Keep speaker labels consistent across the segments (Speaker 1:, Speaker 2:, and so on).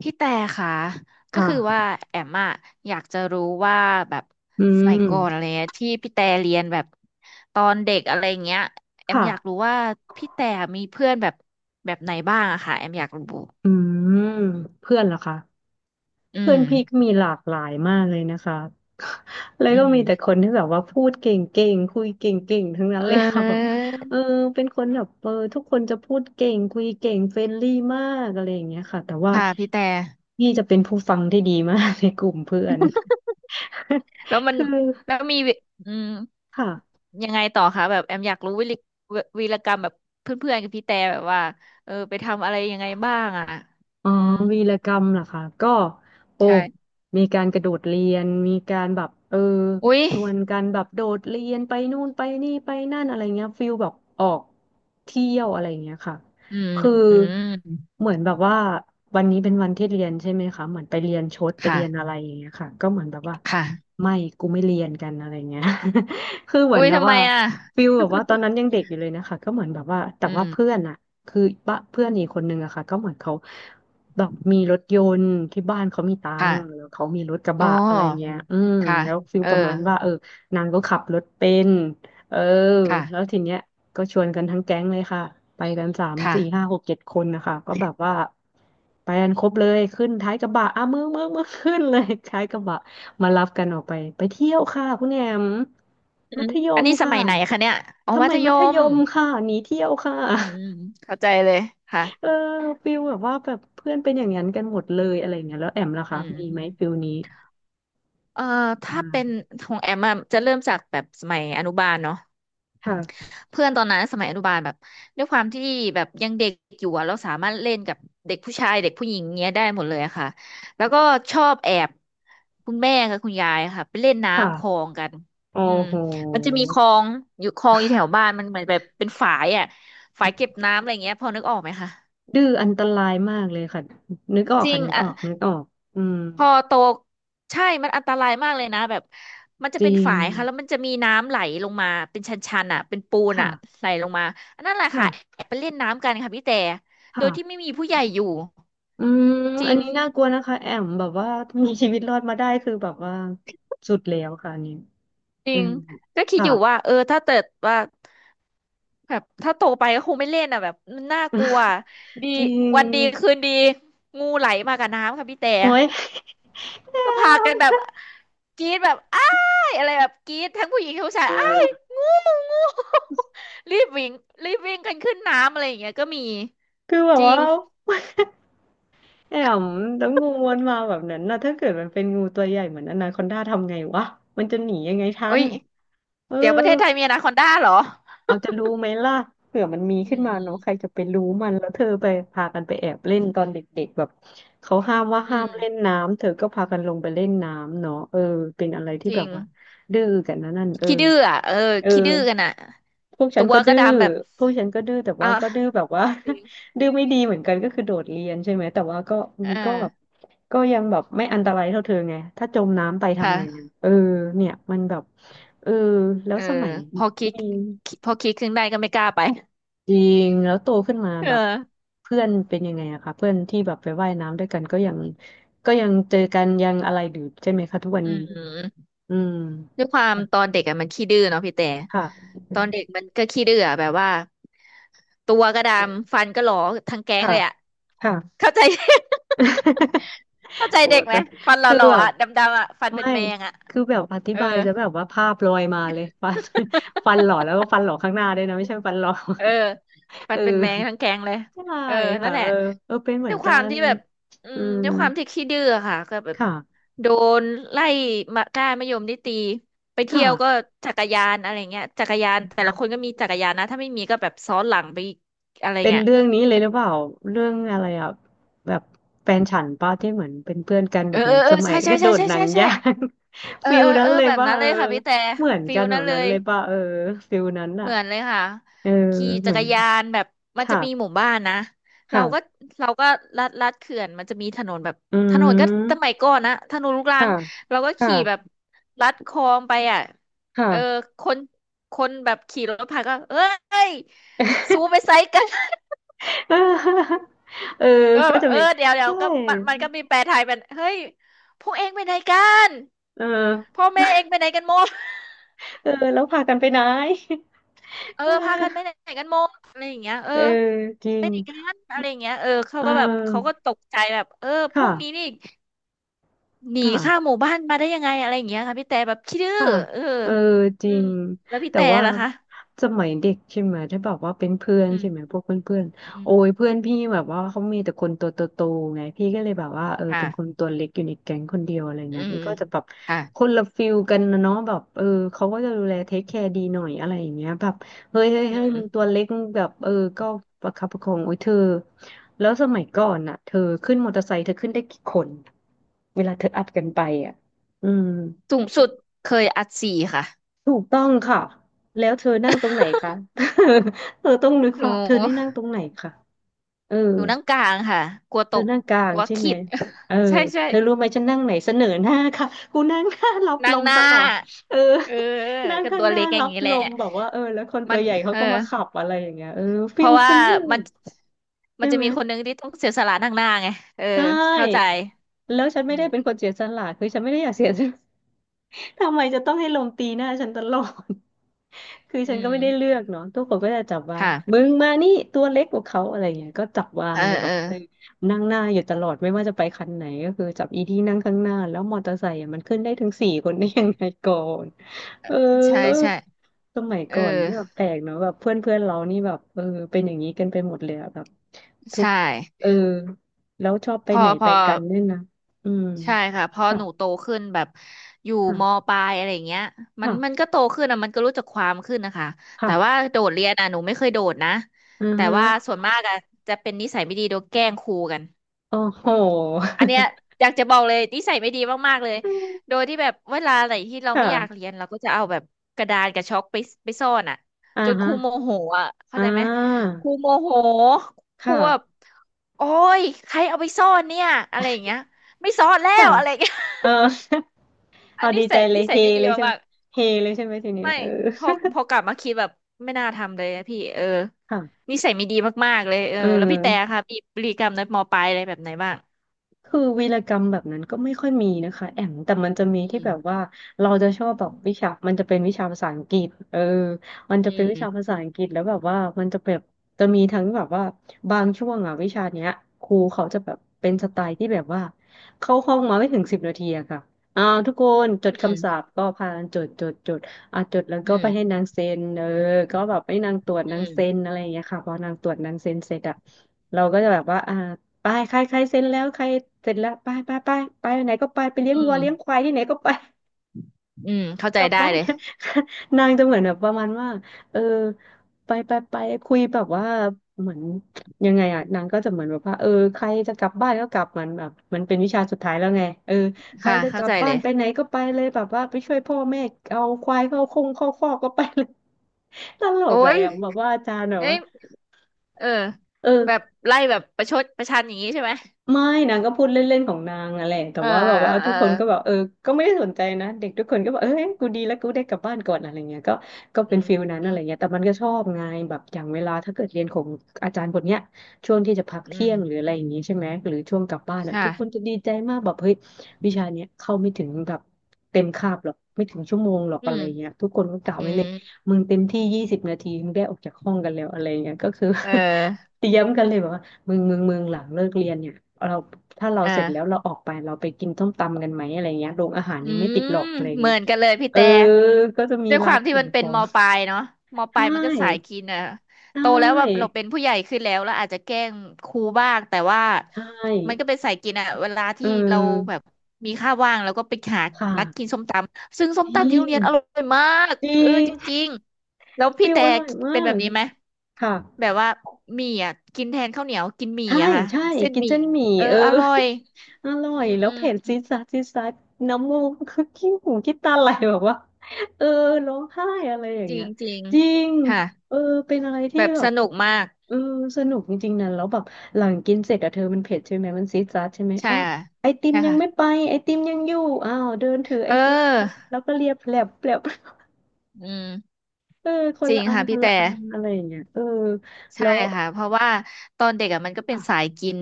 Speaker 1: พี่แต่ค่ะก็
Speaker 2: ค่ะ
Speaker 1: คือว่าแอมอะอยากจะรู้ว่าแบบ
Speaker 2: อื
Speaker 1: สมัยก่อนอะไร
Speaker 2: ม
Speaker 1: เงี้ยที่พี่แต่เรียนแบบตอนเด็กอะไรเงี้ยแอมอยาก
Speaker 2: ค่ะ
Speaker 1: รู้ว่าพี่แต่มีเพื่อนแบบแบบไหนบ้างอะค่ะแอมอยากรู้
Speaker 2: อืมเพื่อนเหระคะ
Speaker 1: อื
Speaker 2: เพื่อน
Speaker 1: ม
Speaker 2: พี่ก็มีหลากหลายมากเลยนะคะ แล้ว
Speaker 1: อื
Speaker 2: ก็
Speaker 1: ม
Speaker 2: มีแต่คนที่แบบว่าพูดเก่งๆคุยเก่งๆทั้งนั้
Speaker 1: เ
Speaker 2: นเลยค่ะ แบบ
Speaker 1: ออ
Speaker 2: เออเป็นคนแบบเออทุกคนจะพูดเก่งคุยเก่งเฟรนลี่มากอะไรอย่างเงี้ยค่ะแต่ว่า
Speaker 1: ค่ะพี่แต่
Speaker 2: พี่จะเป็นผู้ฟังที่ดีมากในกลุ่มเพื่อน
Speaker 1: แล้ว มัน
Speaker 2: คือ
Speaker 1: แล้วมีอืม
Speaker 2: ค่ะ
Speaker 1: ยังไงต่อคะแบบแอมอยากรู้วิลิววีรกรรมแบบเพื่อนๆกับพี่แต่แบบว่าเออไปทำอะไรยังไงบ้างอะ
Speaker 2: อ๋อ
Speaker 1: อืม
Speaker 2: วีรกรรมเหรอคะก็โอ้
Speaker 1: ใช่
Speaker 2: มีการกระโดดเรียนมีการแบบเออ
Speaker 1: อุ๊ย
Speaker 2: ชวนกันแบบโดดเรียนไปนู่นไปนี่ไปนั่นอะไรเงี้ยฟิลแบบออกเที่ยวอะไรเงี้ยค่ะ
Speaker 1: อืม
Speaker 2: คือ
Speaker 1: อืม
Speaker 2: เหมือนแบบว่าวันนี้เป็นวันที่เรียนใช่ไหมคะเหมือนไปเรียนชดไปเรียนอะ
Speaker 1: ค่ะ
Speaker 2: ไรอย่างเงี้ยค่ะก็เหมือนแบบว่า
Speaker 1: ค่ะ
Speaker 2: ไม่กูไม่เรียนกันอะไรเงี้ย คือเหมือ
Speaker 1: อุ้
Speaker 2: น
Speaker 1: ย
Speaker 2: แบบ
Speaker 1: ทำไม
Speaker 2: ว่า
Speaker 1: อ่ะ
Speaker 2: ฟิลแบบว่าตอนนั้นยังเด็กอยู่เลยนะคะก็เหมือนแบบว่าแต่
Speaker 1: อื
Speaker 2: ว่าเพื่อ
Speaker 1: ม
Speaker 2: นอะคือบ้าเพื่อนอีกคนนึงอะค่ะก็เหมือนเขา แบบมีรถยนต์ที่บ้านเขามีตังค์แล้
Speaker 1: ค่ะ
Speaker 2: วเขามีรถกระ
Speaker 1: อ๋อ
Speaker 2: บะอะไรเงี้ยอืม
Speaker 1: ค่ะ
Speaker 2: แล้วฟิล
Speaker 1: เออ
Speaker 2: ประมาณว่าเออนางก็ขับรถเป็นเออ
Speaker 1: ค่ะ
Speaker 2: แล้วทีเนี้ยก็ชวนกันทั้งแก๊งเลยค่ะไปกันสามสี่ห้า
Speaker 1: ค่ะ
Speaker 2: หกเจ็ดคนนะคะก็แบบว่าไปกันครบเลยขึ้นท้ายกระบะอ่ะมึงมึงมึงขึ้นเลยท้ายกระบะมารับกันออกไปไปเที่ยวค่ะคุณแอม
Speaker 1: อื
Speaker 2: มั
Speaker 1: ม
Speaker 2: ธย
Speaker 1: อัน
Speaker 2: ม
Speaker 1: นี้ส
Speaker 2: ค่ะ
Speaker 1: มัยไหนคะเนี่ยอ๋อ
Speaker 2: ทำ
Speaker 1: มั
Speaker 2: ไม
Speaker 1: ธย
Speaker 2: มัธย
Speaker 1: ม
Speaker 2: มค่ะหนีเที่ยวค่ะ
Speaker 1: อืมอืมเข้าใจเลยค่ะ
Speaker 2: เออฟิลแบบว่าแบบเพื่อนเป็นอย่างนั้นกันหมดเลยอะไรอย่างเงี้ยแล้วแอมล่ะ
Speaker 1: อื
Speaker 2: คะมีไหมฟิล
Speaker 1: ม
Speaker 2: นี้
Speaker 1: เอ่อถ้าเป็น
Speaker 2: ใช่
Speaker 1: ของแอมอะจะเริ่มจากแบบสมัยอนุบาลเนาะ
Speaker 2: ค่ะ
Speaker 1: เพื่อนตอนนั้นสมัยอนุบาลแบบด้วยความที่แบบยังเด็กอยู่อะเราสามารถเล่นกับเด็กผู้ชายเด็กผู้หญิงเงี้ยได้หมดเลยอะค่ะแล้วก็ชอบแอบคุณแม่กับคุณยายค่ะไปเล่นน้ำคลอ
Speaker 2: ค่ะ
Speaker 1: งกัน
Speaker 2: โอ้
Speaker 1: อืม
Speaker 2: โห
Speaker 1: มันจะมีคลองอยู่แถวบ้านมันเหมือนแบบเป็นฝายอ่ะฝายเก็บน้ำอะไรเงี้ยพอนึกออกไหมคะ
Speaker 2: ดื้ออันตรายมากเลยค่ะนึกออก
Speaker 1: จริ
Speaker 2: ค่ะ
Speaker 1: ง
Speaker 2: นึก
Speaker 1: อะ
Speaker 2: ออกนึกออกอืม
Speaker 1: พอโตใช่มันอันตรายมากเลยนะแบบมันจะ
Speaker 2: จ
Speaker 1: เป็น
Speaker 2: ริง
Speaker 1: ฝายค่ะแล้วมันจะมีน้ำไหลลงมาเป็นชันๆอ่ะเป็นปูนอ่ะ
Speaker 2: ค่ะ
Speaker 1: ไหลลงมาอันนั้นแหละค่ะ
Speaker 2: ค่ะ
Speaker 1: แอบไปเล่นน้ำกันค่ะพี่แต่โด
Speaker 2: ค่ะ
Speaker 1: ยที่ไม่มีผู้ใหญ่อยู่
Speaker 2: อืม
Speaker 1: จริ
Speaker 2: อัน
Speaker 1: ง
Speaker 2: นี้น่ากลัวนะคะแอมแบบว่ามีชีวิตรอดมาได้คือแบบว่าสุดแล้วค่ะอันนี้
Speaker 1: จริ
Speaker 2: อื
Speaker 1: ง
Speaker 2: ม
Speaker 1: ก็คิด
Speaker 2: ค่ะ
Speaker 1: อยู่ว่าเออถ้าเกิดว่าแบบถ้าโตไปก็คงไม่เล่นอ่ะแบบมันน่ากลัวดี
Speaker 2: จริง
Speaker 1: วันดีคืนดีงูไหลมากับน้ำค่ะพี่แต่
Speaker 2: โอ้ย แอ
Speaker 1: ก็พากั
Speaker 2: ม
Speaker 1: นแบบกรี๊ดแบบอ้ายอะไรแบบกรี๊ดทั้งผู้หญิงทั้งผู้ ชาย
Speaker 2: เอ
Speaker 1: อ้าย
Speaker 2: อ
Speaker 1: งูงู รีบวิ่งกันขึ้นน้ำอะไรอย่างเงี้ยก็มี
Speaker 2: คือแบ
Speaker 1: จ
Speaker 2: บ
Speaker 1: ริง
Speaker 2: ว่า แอมแล้วงูมันมาแบบนั้นนะถ้าเกิดมันเป็นงูตัวใหญ่เหมือนอนาคอนดาทำไงวะมันจะหนียังไงทั
Speaker 1: โอ้
Speaker 2: น
Speaker 1: ย
Speaker 2: เออ
Speaker 1: เดี๋ยวประเทศไทยมีอนาคอนด้าเหรอ
Speaker 2: เอาจะรู้ไหมล่ะเผื่อมันมี
Speaker 1: อื
Speaker 2: ขึ้น
Speaker 1: ม
Speaker 2: มา
Speaker 1: อืม
Speaker 2: เนาะใครจะไปรู้มันแล้วเธอไปพากันไปแอบเล่นตอนเด็กๆแบบเขาห้ามว่า
Speaker 1: อื
Speaker 2: ห้ามเล่น
Speaker 1: ม
Speaker 2: น้ำเธอก็พากันลงไปเล่นน้ำเนาะเออเป็นอะไรที่
Speaker 1: จ
Speaker 2: แบ
Speaker 1: ริ
Speaker 2: บ
Speaker 1: ง
Speaker 2: ว่าดื้อกันนะนั่นเออ
Speaker 1: ขี้ดื้ออ่ะเออ
Speaker 2: เออ
Speaker 1: ขี้ดื้อกันอ่ะ
Speaker 2: พวกฉั
Speaker 1: ตั
Speaker 2: น
Speaker 1: ว
Speaker 2: ก็
Speaker 1: ก็
Speaker 2: ดื้อ
Speaker 1: ดำแบบ
Speaker 2: พวกฉันก็ดื้อแต่
Speaker 1: อ่ะ
Speaker 2: ว่าก็ดื้อแบบว่า
Speaker 1: จริง
Speaker 2: ดื้อไม่ดีเหมือนกันก็คือโดดเรียนใช่ไหมแต่ว่าก็
Speaker 1: เออ
Speaker 2: ก็แบบก็ยังแบบไม่อันตรายเท่าเธอไงถ้าจมน้ำไปทำไง
Speaker 1: ค่ะ
Speaker 2: อะเออเนี่ยมันแบบเออแล้
Speaker 1: เอ
Speaker 2: ว
Speaker 1: อ
Speaker 2: สมัย
Speaker 1: พอคิด
Speaker 2: มี
Speaker 1: พอคิดขึ้นได้ก็ไม่กล้าไป
Speaker 2: จริงแล้วโตขึ้นมา
Speaker 1: เออ
Speaker 2: แบบเพื่อนเป็นยังไงอะคะเพื่อนที่แบบไปว่ายน้ำด้วยกันก็ยังก็ยังเจอกันยังอะไรอยู่ใช่ไหมคะทุกวัน
Speaker 1: อื
Speaker 2: นี้
Speaker 1: ม
Speaker 2: อืม
Speaker 1: ด้วยความ
Speaker 2: ค
Speaker 1: ตอนเด็กอะมันขี้ดื้อเนาะพี่แต่
Speaker 2: ่ะ
Speaker 1: ตอนเด็กมันก็ขี้ดื้ออะแบบว่าตัวก็ดำฟันก็หลอทั้งแก๊ง
Speaker 2: ค่ะ
Speaker 1: เลยอะ
Speaker 2: ค่ะ
Speaker 1: เข้าใจ เข้าใจ
Speaker 2: โอ้
Speaker 1: เด็กไหม
Speaker 2: ก็
Speaker 1: ฟันห
Speaker 2: คือ
Speaker 1: ล่อ
Speaker 2: แบ
Speaker 1: ๆ
Speaker 2: บ
Speaker 1: อะดำๆอะฟันเป็น
Speaker 2: ไม่
Speaker 1: แมงอะ
Speaker 2: คือแบบอธิ
Speaker 1: เออ
Speaker 2: บายจะแบบว่าภาพลอยมาเลยฟัน ฟันหล่อแล้วก็ฟันหล่อข้างหน้าด้วยนะไม่ใช่ฟันหล่อ
Speaker 1: เออ มั
Speaker 2: เอ
Speaker 1: น
Speaker 2: อ
Speaker 1: เป็นแมงทั้งแก๊งเลย
Speaker 2: ใช่
Speaker 1: เออนั่
Speaker 2: ค่ะ
Speaker 1: นแห
Speaker 2: เอ
Speaker 1: ละ
Speaker 2: อเออเป็นเหมื
Speaker 1: ด้
Speaker 2: อ
Speaker 1: ว
Speaker 2: น
Speaker 1: ยค
Speaker 2: กั
Speaker 1: วาม
Speaker 2: น
Speaker 1: ที่แบบอื
Speaker 2: อื
Speaker 1: ม
Speaker 2: ม
Speaker 1: ด้วยความที่ขี้ดื้อค่ะก็แบบ
Speaker 2: ค่ะ
Speaker 1: โดนไล่มาก้านมะยมนี่ตีไปเที่ยวก็
Speaker 2: ค่ะ
Speaker 1: จักรยานอะไรเงี้ยจักรยานแต่ละคนก็มีจักรยานนะถ้าไม่มีก็แบบซ้อนหลังไปอะไร
Speaker 2: เป็น
Speaker 1: เงี้ย
Speaker 2: เรื่องนี้เลยหรือเปล่าเรื่องอะไรอ่ะแบบแฟนฉันป้าที่เหมือนเป็นเพื่อนกัน
Speaker 1: เอ
Speaker 2: แบ
Speaker 1: อ
Speaker 2: บ
Speaker 1: เอ
Speaker 2: นั้
Speaker 1: อ
Speaker 2: น
Speaker 1: เอ
Speaker 2: ส
Speaker 1: อ
Speaker 2: มั
Speaker 1: ใช่
Speaker 2: ย
Speaker 1: ใช่
Speaker 2: ก็โด
Speaker 1: ใช่
Speaker 2: ด
Speaker 1: ใช่
Speaker 2: หนัง
Speaker 1: ใช่ใช่
Speaker 2: ยาง
Speaker 1: เอ อ
Speaker 2: ฟิล
Speaker 1: เออ
Speaker 2: นั้
Speaker 1: เอ
Speaker 2: น
Speaker 1: อ
Speaker 2: เลย
Speaker 1: แบบ
Speaker 2: ป่ะ
Speaker 1: นั้น
Speaker 2: เอ
Speaker 1: เล
Speaker 2: อ
Speaker 1: ยค่ะพี่แต่
Speaker 2: เหมือน
Speaker 1: ฟิ
Speaker 2: กั
Speaker 1: ล
Speaker 2: นแบ
Speaker 1: นั้น
Speaker 2: บ
Speaker 1: เล
Speaker 2: นั้น
Speaker 1: ย
Speaker 2: เลยป่ะเออฟิลนั้น
Speaker 1: เห
Speaker 2: อ่ะ
Speaker 1: มือนเลยค่ะ
Speaker 2: เออ
Speaker 1: ขี่
Speaker 2: เห
Speaker 1: จั
Speaker 2: มื
Speaker 1: ก
Speaker 2: อ
Speaker 1: ร
Speaker 2: น
Speaker 1: ยานแบบมันจะมีห
Speaker 2: ค่ะ
Speaker 1: มู่บ้านนะเราก็
Speaker 2: ค่ะ
Speaker 1: เราก็ลัดเขื่อนมันจะมีถนนแบบ
Speaker 2: อื
Speaker 1: ถนนก็สมั
Speaker 2: ม
Speaker 1: ยก่อนนะถนนลูกรั
Speaker 2: ค่ะ
Speaker 1: งเราก็
Speaker 2: ค่ะ
Speaker 1: ขี่แบบลัดคลองไปอ่ะ
Speaker 2: ค่ะ
Speaker 1: เออคนแบบขี่รถผ่านก็เอ้ยซูไปไซส์กัน
Speaker 2: เออเออ
Speaker 1: ก็
Speaker 2: ก็
Speaker 1: แบบ
Speaker 2: จะ
Speaker 1: เออ
Speaker 2: มี
Speaker 1: เดี๋ยว
Speaker 2: ใช่
Speaker 1: ก็มันก็มีแปลไทยเป็นเฮ้ยพวกเองไปไหนกัน
Speaker 2: เออ
Speaker 1: พ่อแม่เองไปไหนกันหมด
Speaker 2: เออแล้วพากันไปไหน
Speaker 1: เออ
Speaker 2: เ
Speaker 1: พากันไป
Speaker 2: ออ
Speaker 1: ไหนกันหมดอะไรอย่างเงี้ยเออ
Speaker 2: เออจริง
Speaker 1: เป็นอีกแล้วอะไรเงี้ยเออเขา
Speaker 2: เอ
Speaker 1: ก็แบบเขาก็
Speaker 2: อ
Speaker 1: ตกใจแบบเออพว
Speaker 2: ค่ะ
Speaker 1: กนี้นี่หนี
Speaker 2: ค่ะ
Speaker 1: ข้ามหมู่บ้านมาได้ยังไงอะไรอย่างเงี้ยค่ะพี่แต่แบบขี้ดื้อ
Speaker 2: ค่ะ
Speaker 1: เออ
Speaker 2: เออจ
Speaker 1: อื
Speaker 2: ริ
Speaker 1: ม
Speaker 2: ง
Speaker 1: แล้วพี่
Speaker 2: แต่
Speaker 1: แต่
Speaker 2: ว่า
Speaker 1: ล่ะคะ
Speaker 2: สมัยเด็กใช่ไหมถ้าแบบว่าเป็นเพื่อน
Speaker 1: อืม
Speaker 2: ใช่ไหมพวกเพื่อน
Speaker 1: อื
Speaker 2: ๆ
Speaker 1: ม
Speaker 2: โอ้ยเพื่อนพี่แบบว่าเขามีแต่คนตัวโตๆ ไงพี่ก็เลยแบบว่าเออเป็
Speaker 1: ค่ะ
Speaker 2: นคนตัวเล็กอยู่ในแก๊งคนเดียวอะไร
Speaker 1: อื
Speaker 2: เงี้ยมั
Speaker 1: ม
Speaker 2: นก็จะแบบ
Speaker 1: ค่ะ
Speaker 2: คนละฟิลกันนะเนาะแบบเออเขาก็จะดูแลเทคแคร์ดีหน่อยอะไรอย่างเงี้ยแบบเฮ้ยเฮ้ย
Speaker 1: อื
Speaker 2: เฮ้ยมึงตัว
Speaker 1: ม
Speaker 2: เล็กมึงแบบเออก็ประคับประคองโอ้ยเธอแล้วสมัยก่อนน่ะเธอขึ้นมอเตอร์ไซค์เธอขึ้นได้กี่คนเวลาเธออัดกันไปอ่ะอืม
Speaker 1: สูงสุดเคยอัดสี่ค่ะ
Speaker 2: ถูกต้องค่ะแล้วเธอนั่งตรงไหนคะ เธอต้องนึก
Speaker 1: หนู
Speaker 2: ว่าเธอนี่นั่งตรงไหนค่ะเออ
Speaker 1: นั่งกลางค่ะกลัวต
Speaker 2: เธอ
Speaker 1: ก
Speaker 2: นั่งกลา
Speaker 1: ก
Speaker 2: ง
Speaker 1: ลัว
Speaker 2: ใช่ไหม
Speaker 1: ขิด
Speaker 2: เออ
Speaker 1: ใช่ใช่
Speaker 2: เธอรู้ไหมฉันนั่งไหนเสนอหน้าค่ะ กูนั่งหน้ารับล
Speaker 1: นั่ง
Speaker 2: ม
Speaker 1: ห
Speaker 2: ต
Speaker 1: น้า
Speaker 2: ลอดเออ
Speaker 1: เออ
Speaker 2: นั่ง
Speaker 1: ก็
Speaker 2: ข้า
Speaker 1: ตั
Speaker 2: ง
Speaker 1: ว
Speaker 2: หน้า
Speaker 1: เล็กอย่า
Speaker 2: รั
Speaker 1: ง
Speaker 2: บ
Speaker 1: นี้แห
Speaker 2: ล
Speaker 1: ละ
Speaker 2: มแบบว่าเออแล้วคนตั
Speaker 1: มั
Speaker 2: ว
Speaker 1: น
Speaker 2: ใหญ่เขา
Speaker 1: เออ
Speaker 2: ก็มาขับอะไรอย่างเงี้ยเออ
Speaker 1: เพ
Speaker 2: ฟิล
Speaker 1: ราะว่า
Speaker 2: นั้นเลย
Speaker 1: มันมั
Speaker 2: ใช่
Speaker 1: นจะ
Speaker 2: ไหม
Speaker 1: มีคนหนึ่งที่ต้องเสียสละนั่งหน้าไงเออ
Speaker 2: ได
Speaker 1: เข้าใจ
Speaker 2: ้แล้วฉัน
Speaker 1: อื
Speaker 2: ไม่ได้
Speaker 1: ม
Speaker 2: เป็นคนเสียสละคือฉันไม่ได้อยากเสียสละ ทำไมจะต้องให้ลมตีหน้าฉันตลอด คือ
Speaker 1: อื
Speaker 2: ฉันก็
Speaker 1: ม
Speaker 2: ไม่ได้เลือกเนาะทุกคนก็จะจับวาง
Speaker 1: ค่ะ
Speaker 2: มึงมานี่ตัวเล็กกว่าเขาอะไรเงี้ย ก็จับวา
Speaker 1: เอ
Speaker 2: ง
Speaker 1: อ
Speaker 2: เลยแบ
Speaker 1: เอ
Speaker 2: บ
Speaker 1: อ
Speaker 2: นั่งหน้าอยู่ตลอดไม่ว่าจะไปคันไหนก็คือจับอีที่นั่งข้างหน้าแล้วมอเตอร์ไซค์อะมันขึ้นได้ถึงสี่คนได้ยังไงก่อนเออ
Speaker 1: ใช่ใช่
Speaker 2: สมัย
Speaker 1: เอ
Speaker 2: ก่อนนี่แบบ
Speaker 1: อ
Speaker 2: แปลกเนาะแบบเพื่อนเพื่อนเรานี่แบบเป็นอย่างนี้กันไปหมดเลยอะแบบทุก
Speaker 1: ใช่
Speaker 2: เออแล้วชอบไป
Speaker 1: พอ
Speaker 2: ไหน
Speaker 1: พ
Speaker 2: ไป
Speaker 1: อ
Speaker 2: กันด้วยนะอืม
Speaker 1: ใช่ค่ะพอ
Speaker 2: ค่ะ
Speaker 1: หนูโตขึ้นแบบอยู่ม
Speaker 2: ค่ะ
Speaker 1: ปลายอะไรอย่างเงี้ยมัน
Speaker 2: ค่ะ
Speaker 1: มันก็โตขึ้นอะมันก็รู้จักความขึ้นนะคะ
Speaker 2: ค่ะ
Speaker 1: แต่ว่าโดดเรียนอะหนูไม่เคยโดดนะ
Speaker 2: อือ
Speaker 1: แต่
Speaker 2: ฮะ
Speaker 1: ว่าส่วนมากอะจะเป็นนิสัยไม่ดีโดนแกล้งครูกัน
Speaker 2: โอ้โห
Speaker 1: อันเนี้ย อยากจะบอกเลยนิสัยไม่ดีมากๆเลย
Speaker 2: อืม
Speaker 1: โดยที่แบบเวลาไหนที่เรา
Speaker 2: ค
Speaker 1: ไม่อยากเรี
Speaker 2: ่ะ
Speaker 1: ยนเราก็จะเอาแบบกระดานกับช็อกไปซ่อนอ่ะ
Speaker 2: อ่า
Speaker 1: จนค
Speaker 2: ฮะ
Speaker 1: รูโมโหอ่ะเข้า
Speaker 2: อ่
Speaker 1: ใจไหม
Speaker 2: า
Speaker 1: ครูโมโห
Speaker 2: ค
Speaker 1: ครูแบบ
Speaker 2: ่ะ
Speaker 1: โอ้ยใครเอาไปซ่อนเนี่ยอะไรอย่างเงี้ยไม่ซ่อนแล้
Speaker 2: ค่ะ
Speaker 1: วอะไรอย่างเงี้ย
Speaker 2: เออ
Speaker 1: อั
Speaker 2: เอา
Speaker 1: นนี้
Speaker 2: ดีใจ
Speaker 1: ใส่
Speaker 2: เลย
Speaker 1: นิสั
Speaker 2: เฮ
Speaker 1: ยไม่ดี
Speaker 2: เลยใช่ไหม
Speaker 1: มาก
Speaker 2: เฮเลยใช่ไหมที
Speaker 1: ๆ
Speaker 2: นี้
Speaker 1: ไม่
Speaker 2: เออ
Speaker 1: พอกลับมาคิดแบบไม่น่าทำเลยนะพี่เออ
Speaker 2: ค่ะ
Speaker 1: นิสัยไม่ดีมากๆเลยเออ
Speaker 2: เอ
Speaker 1: แล้วพี่แต่
Speaker 2: อ
Speaker 1: ค่ะมีพฤติกรรมในมปลายอะไรแบบไหนบ้าง
Speaker 2: คือวีรกรรมแบบนั้นก็ไม่ค่อยมีนะคะแอมแต่มันจะมี
Speaker 1: อื
Speaker 2: ที่
Speaker 1: ม
Speaker 2: แบบว่าเราจะชอบแบบวิชามันจะเป็นวิชาภาษาอังกฤษมันจะ
Speaker 1: อื
Speaker 2: เป็นวิชาภา
Speaker 1: ม
Speaker 2: ษาอังกฤษแล้วแบบว่ามันจะแบบจะมีทั้งแบบว่าบางช่วงอ่ะวิชาเนี้ยครูเขาจะแบบเป็นสไตล์ที่แบบว่าเข้าห้องมาไม่ถึงสิบนาทีอะค่ะอ่าทุกคนจด
Speaker 1: อื
Speaker 2: คำศัพ
Speaker 1: ม
Speaker 2: ท์ก็พากันจดจดจดอ่ะจดแล้วก็
Speaker 1: อืม
Speaker 2: ไปให้นางเซ็นก็แบบให้นางตรวจ
Speaker 1: อื
Speaker 2: นางเซ็น
Speaker 1: ม
Speaker 2: อะไรอย่างเงี้ยค่ะพอนางตรวจนางเซ็นเสร็จอะเราก็จะแบบว่าอ่า ไปใครใครเซ็นแล้วใครเสร็จแล้วไปไปไปไปไหนก็ไปไปเลี้ยง
Speaker 1: อื
Speaker 2: วัว
Speaker 1: ม
Speaker 2: เลี้ยงควายที่ไหนก็ไป
Speaker 1: อืม เข้า ใจ
Speaker 2: กลับ
Speaker 1: ได้
Speaker 2: บ้าน
Speaker 1: เลย
Speaker 2: นางจะเหมือนแบบประมาณว่าเออไปไปไปคุยแบบว่าเหมือนยังไงอ่ะนางก็จะเหมือนแบบว่าใครจะกลับบ้านก็กลับเหมันแบบมันเป็นวิชาสุดท้ายแล้วไงใคร
Speaker 1: ค่ะ
Speaker 2: จะก
Speaker 1: เข้า
Speaker 2: ลับ
Speaker 1: ใจ
Speaker 2: บ้า
Speaker 1: เล
Speaker 2: น
Speaker 1: ย
Speaker 2: ไปไหนก็ไปเลยแบบว่าไปช่วยพ่อแม่เอาควายเข้าคงเข้าคอกก็ไปเลย ตล
Speaker 1: โอ้
Speaker 2: กอะ
Speaker 1: ย
Speaker 2: อย่างแบบว่าอาจารย์แบบ
Speaker 1: เอ้
Speaker 2: ว่า
Speaker 1: ยเออ
Speaker 2: เอ
Speaker 1: แบ
Speaker 2: อ
Speaker 1: บไล่แบบประชดประชันอย่างนี้ใช่ไหม
Speaker 2: ไม่นางก็พูดเล่นๆของนางอะไรแต่
Speaker 1: เออ
Speaker 2: ว่าแบบ
Speaker 1: เอ
Speaker 2: ว่า
Speaker 1: อเอ
Speaker 2: ทุ
Speaker 1: อ
Speaker 2: กคนก็แบบก็ไม่ได้สนใจนะเด็กทุกคนก็บอกเอ้ยกูดีแล้วกูได้กลับบ้านก่อนอะไรเงี้ยก็ก็
Speaker 1: เอ
Speaker 2: เป็
Speaker 1: อ
Speaker 2: นฟิลนั้น
Speaker 1: อื
Speaker 2: อะไร
Speaker 1: ม
Speaker 2: เงี้ยแต่มันก็ชอบไงแบบอย่างเวลาถ้าเกิดเรียนของอาจารย์คนเนี้ยช่วงที่จะพัก
Speaker 1: อื
Speaker 2: เที่
Speaker 1: ม
Speaker 2: ยงหรืออะไรอย่างงี้ใช่ไหมหรือช่วงกลับบ้านอ่ะ
Speaker 1: ค่ะ
Speaker 2: ทุกคนจะดีใจมากแบบเฮ้ยวิชาเนี้ยเข้าไม่ถึงแบบเต็มคาบหรอกไม่ถึงชั่วโมงหรอก
Speaker 1: อื
Speaker 2: อะไร
Speaker 1: ม
Speaker 2: เงี้ยทุกคนก็กล่าว
Speaker 1: อื
Speaker 2: ไว้เล
Speaker 1: ม
Speaker 2: ยมึงเต็มที่20 นาทีมึงได้ออกจากห้องกันแล้วอะไรเงี้ยก็คือ
Speaker 1: เออ
Speaker 2: เตรียมกันเลยแบบว่า มึงหลังเลิกเรียนเนี่ยเราถ้าเราเสร็จแล้ว
Speaker 1: อ่า
Speaker 2: เราออกไปเราไปกินส้มตำกันไหมอะไรเงี้ยโรงอาหาร
Speaker 1: อื
Speaker 2: ยังไม่ปิดหรอก
Speaker 1: ม
Speaker 2: อะไร
Speaker 1: เห
Speaker 2: เงี้
Speaker 1: มื
Speaker 2: ย
Speaker 1: อนกันเลยพี่
Speaker 2: เออ
Speaker 1: แต่
Speaker 2: ก็จะมี
Speaker 1: ด้วยค
Speaker 2: ร้า
Speaker 1: วา
Speaker 2: น
Speaker 1: มที่
Speaker 2: ขา
Speaker 1: มั
Speaker 2: ย
Speaker 1: นเป็
Speaker 2: ข
Speaker 1: น
Speaker 2: อ
Speaker 1: ม
Speaker 2: ง
Speaker 1: ปลายเนาะมปลา
Speaker 2: ใช่
Speaker 1: ยมันก็สายกินอ่ะ
Speaker 2: ใช
Speaker 1: โตแล้วแบบเรา
Speaker 2: ่
Speaker 1: เป็นผู้ใหญ่ขึ้นแล้วแล้วอาจจะแกล้งครูบ้างแต่ว่า
Speaker 2: ใช
Speaker 1: มันก็
Speaker 2: ่
Speaker 1: เป็นสายกินอ่ะเวลา
Speaker 2: เ
Speaker 1: ที่เราแบ
Speaker 2: ออ
Speaker 1: บมีข้าวว่างเราก็ไปหา
Speaker 2: ค่ะ
Speaker 1: นัดกินส้มตำซึ่งส้
Speaker 2: จร
Speaker 1: มตำ
Speaker 2: ิ
Speaker 1: ที่โร
Speaker 2: ง
Speaker 1: งเรียนอร่อยมาก
Speaker 2: จริ
Speaker 1: เออ
Speaker 2: ง
Speaker 1: จริงๆแล้วพี่
Speaker 2: ฟิล
Speaker 1: แต่
Speaker 2: อร่อยมา
Speaker 1: เป็นแบบ
Speaker 2: ก
Speaker 1: นี้ไหม
Speaker 2: ค่ะ
Speaker 1: แบบว่าหมี่อ่ะกินแทนข้าวเหนียวกินหมี่
Speaker 2: ใช่
Speaker 1: อะค่ะ
Speaker 2: ใช่
Speaker 1: เส้น
Speaker 2: กิน
Speaker 1: หมี่
Speaker 2: เส้นหมี่
Speaker 1: เออ
Speaker 2: เออ
Speaker 1: อร่อย
Speaker 2: อร่อ
Speaker 1: อื
Speaker 2: ย
Speaker 1: ม
Speaker 2: แล้
Speaker 1: อื
Speaker 2: วเผ็ด
Speaker 1: ม
Speaker 2: จี๊ดจ๊าดจี๊ดจ๊าดน้ำมูก คือขี้หูขี้ตาไหลแบบว่าเออร้องไห้อะไรอย่าง
Speaker 1: จริ
Speaker 2: เงี้ย
Speaker 1: งจริง
Speaker 2: จริง
Speaker 1: ค่ะ
Speaker 2: เออเป็นอะไร
Speaker 1: แบ
Speaker 2: ที่
Speaker 1: บ
Speaker 2: แบ
Speaker 1: ส
Speaker 2: บ
Speaker 1: นุกมาก
Speaker 2: เออสนุกจริงๆนะแล้วแบบหลังกินเสร็จอะเธอมันเผ็ดใช่ไหมมันซี๊ดจ๊าดใช่ไหม
Speaker 1: ใช่
Speaker 2: อ้าว
Speaker 1: ค่ะ
Speaker 2: ไอติม
Speaker 1: ใช่
Speaker 2: ยัง
Speaker 1: ค่ะ
Speaker 2: ไม่ไปไอติมยังอยู่อ้าวเดินถือไอ
Speaker 1: เอ
Speaker 2: ติมกัน
Speaker 1: อ
Speaker 2: แล้วก็เรียบแผลบแผลบ
Speaker 1: อืม
Speaker 2: เออคน
Speaker 1: จริ
Speaker 2: ละ
Speaker 1: ง
Speaker 2: อัน
Speaker 1: ค่ะ
Speaker 2: ค
Speaker 1: พี่
Speaker 2: นละ
Speaker 1: แต่
Speaker 2: อันอะไรอย่างเงี้ยเออแล้
Speaker 1: ใช่
Speaker 2: ว
Speaker 1: ค่ะเพราะว่าตอนเด็กอ่ะมันก็เป็นสา
Speaker 2: ค่ะ
Speaker 1: ยกิน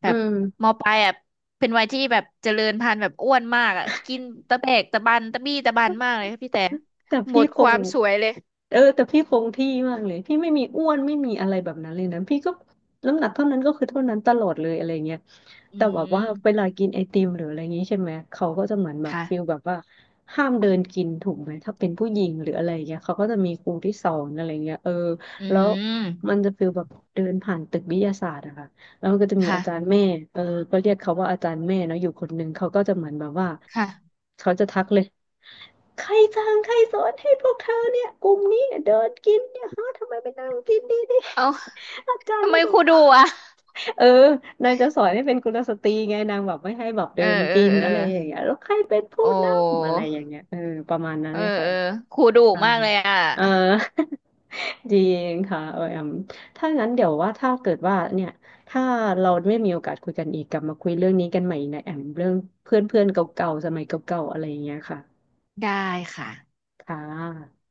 Speaker 1: แบ
Speaker 2: อื
Speaker 1: บ
Speaker 2: ม
Speaker 1: มปลายอ่ะเป็นวัยที่แบบเจริญพันธุ์แบบอ้วนมากอ่ะกินตะแบกตะบันตะบี้ตะบันมากเลยค่ะพี่แต่
Speaker 2: แต่
Speaker 1: หม
Speaker 2: พี่
Speaker 1: ด
Speaker 2: ค
Speaker 1: ค
Speaker 2: ง
Speaker 1: วามสวยเลย
Speaker 2: เออแต่พี่คงที่มากเลยพี่ไม่มีอ้วนไม่มีอะไรแบบนั้นเลยนะพี่ก็น้ำหนักเท่านั้นก็คือเท่านั้นตลอดเลยอะไรเงี้ย
Speaker 1: อื
Speaker 2: แต่แบบว่าเว
Speaker 1: ม
Speaker 2: ลากินไอติมหรืออะไรอย่างงี้ใช่ไหมเขาก็จะเหมือนแบบฟิล
Speaker 1: ค่ะ
Speaker 2: แบบว่าห้ามเดินกินถูกไหมถ้าเป็นผู้หญิงหรืออะไรเงี้ยเขาก็จะมีครูที่สอนอะไรเงี้ย
Speaker 1: อื
Speaker 2: แล้ว
Speaker 1: ม
Speaker 2: มันจะฟิลแบบเดินผ่านตึกวิทยาศาสตร์อะค่ะแล้วมันก็จะมี
Speaker 1: ค่ะ
Speaker 2: อาจารย์แม่เออก็เรียกเขาว่าอาจารย์แม่เนาะอยู่คนหนึ่งเขาก็จะเหมือนแบบว่า
Speaker 1: ค่ะ
Speaker 2: เขาจะทักเลย ใครสั่งใครสอนให้พวกเธอเนี่ยกลุ่มนี้เนี่ยเดินกินเนี่ยฮะทำไมไปนั่งกินดีดี
Speaker 1: เอ้า
Speaker 2: อาจาร
Speaker 1: ทำ
Speaker 2: ย์
Speaker 1: ไม
Speaker 2: ก็จะ
Speaker 1: ครู
Speaker 2: บ
Speaker 1: ดุ
Speaker 2: อก
Speaker 1: อ่ะ
Speaker 2: เออนางจะสอนให้เป็นกุลสตรีไงนางแบบไม่ให้แบบ
Speaker 1: เอ
Speaker 2: เดิ
Speaker 1: อ
Speaker 2: น
Speaker 1: เออ
Speaker 2: กิน
Speaker 1: เออ
Speaker 2: อะไรอย่างเงี้ยแล้วใครเป็นผู้
Speaker 1: โอ
Speaker 2: นำอะ
Speaker 1: ้
Speaker 2: ไรอย่างเงี้ยเออประมาณนั้น
Speaker 1: เออ
Speaker 2: เลยค่ะ
Speaker 1: เออครูดุ
Speaker 2: ใช่
Speaker 1: มากเลยอ่ะ
Speaker 2: เออ จริงค่ะเออแอมถ้างั้นเดี๋ยวว่าถ้าเกิดว่าเนี่ยถ้าเราไม่มีโอกาสคุยกันอีกกลับมาคุยเรื่องนี้กันใหม่นะแอมเรื่องเพื่อนเพื่อนเก่าๆสมัยเก่าๆอะไรอย่างเงี้ยค่ะ
Speaker 1: ได้ค่ะ
Speaker 2: ค่ะ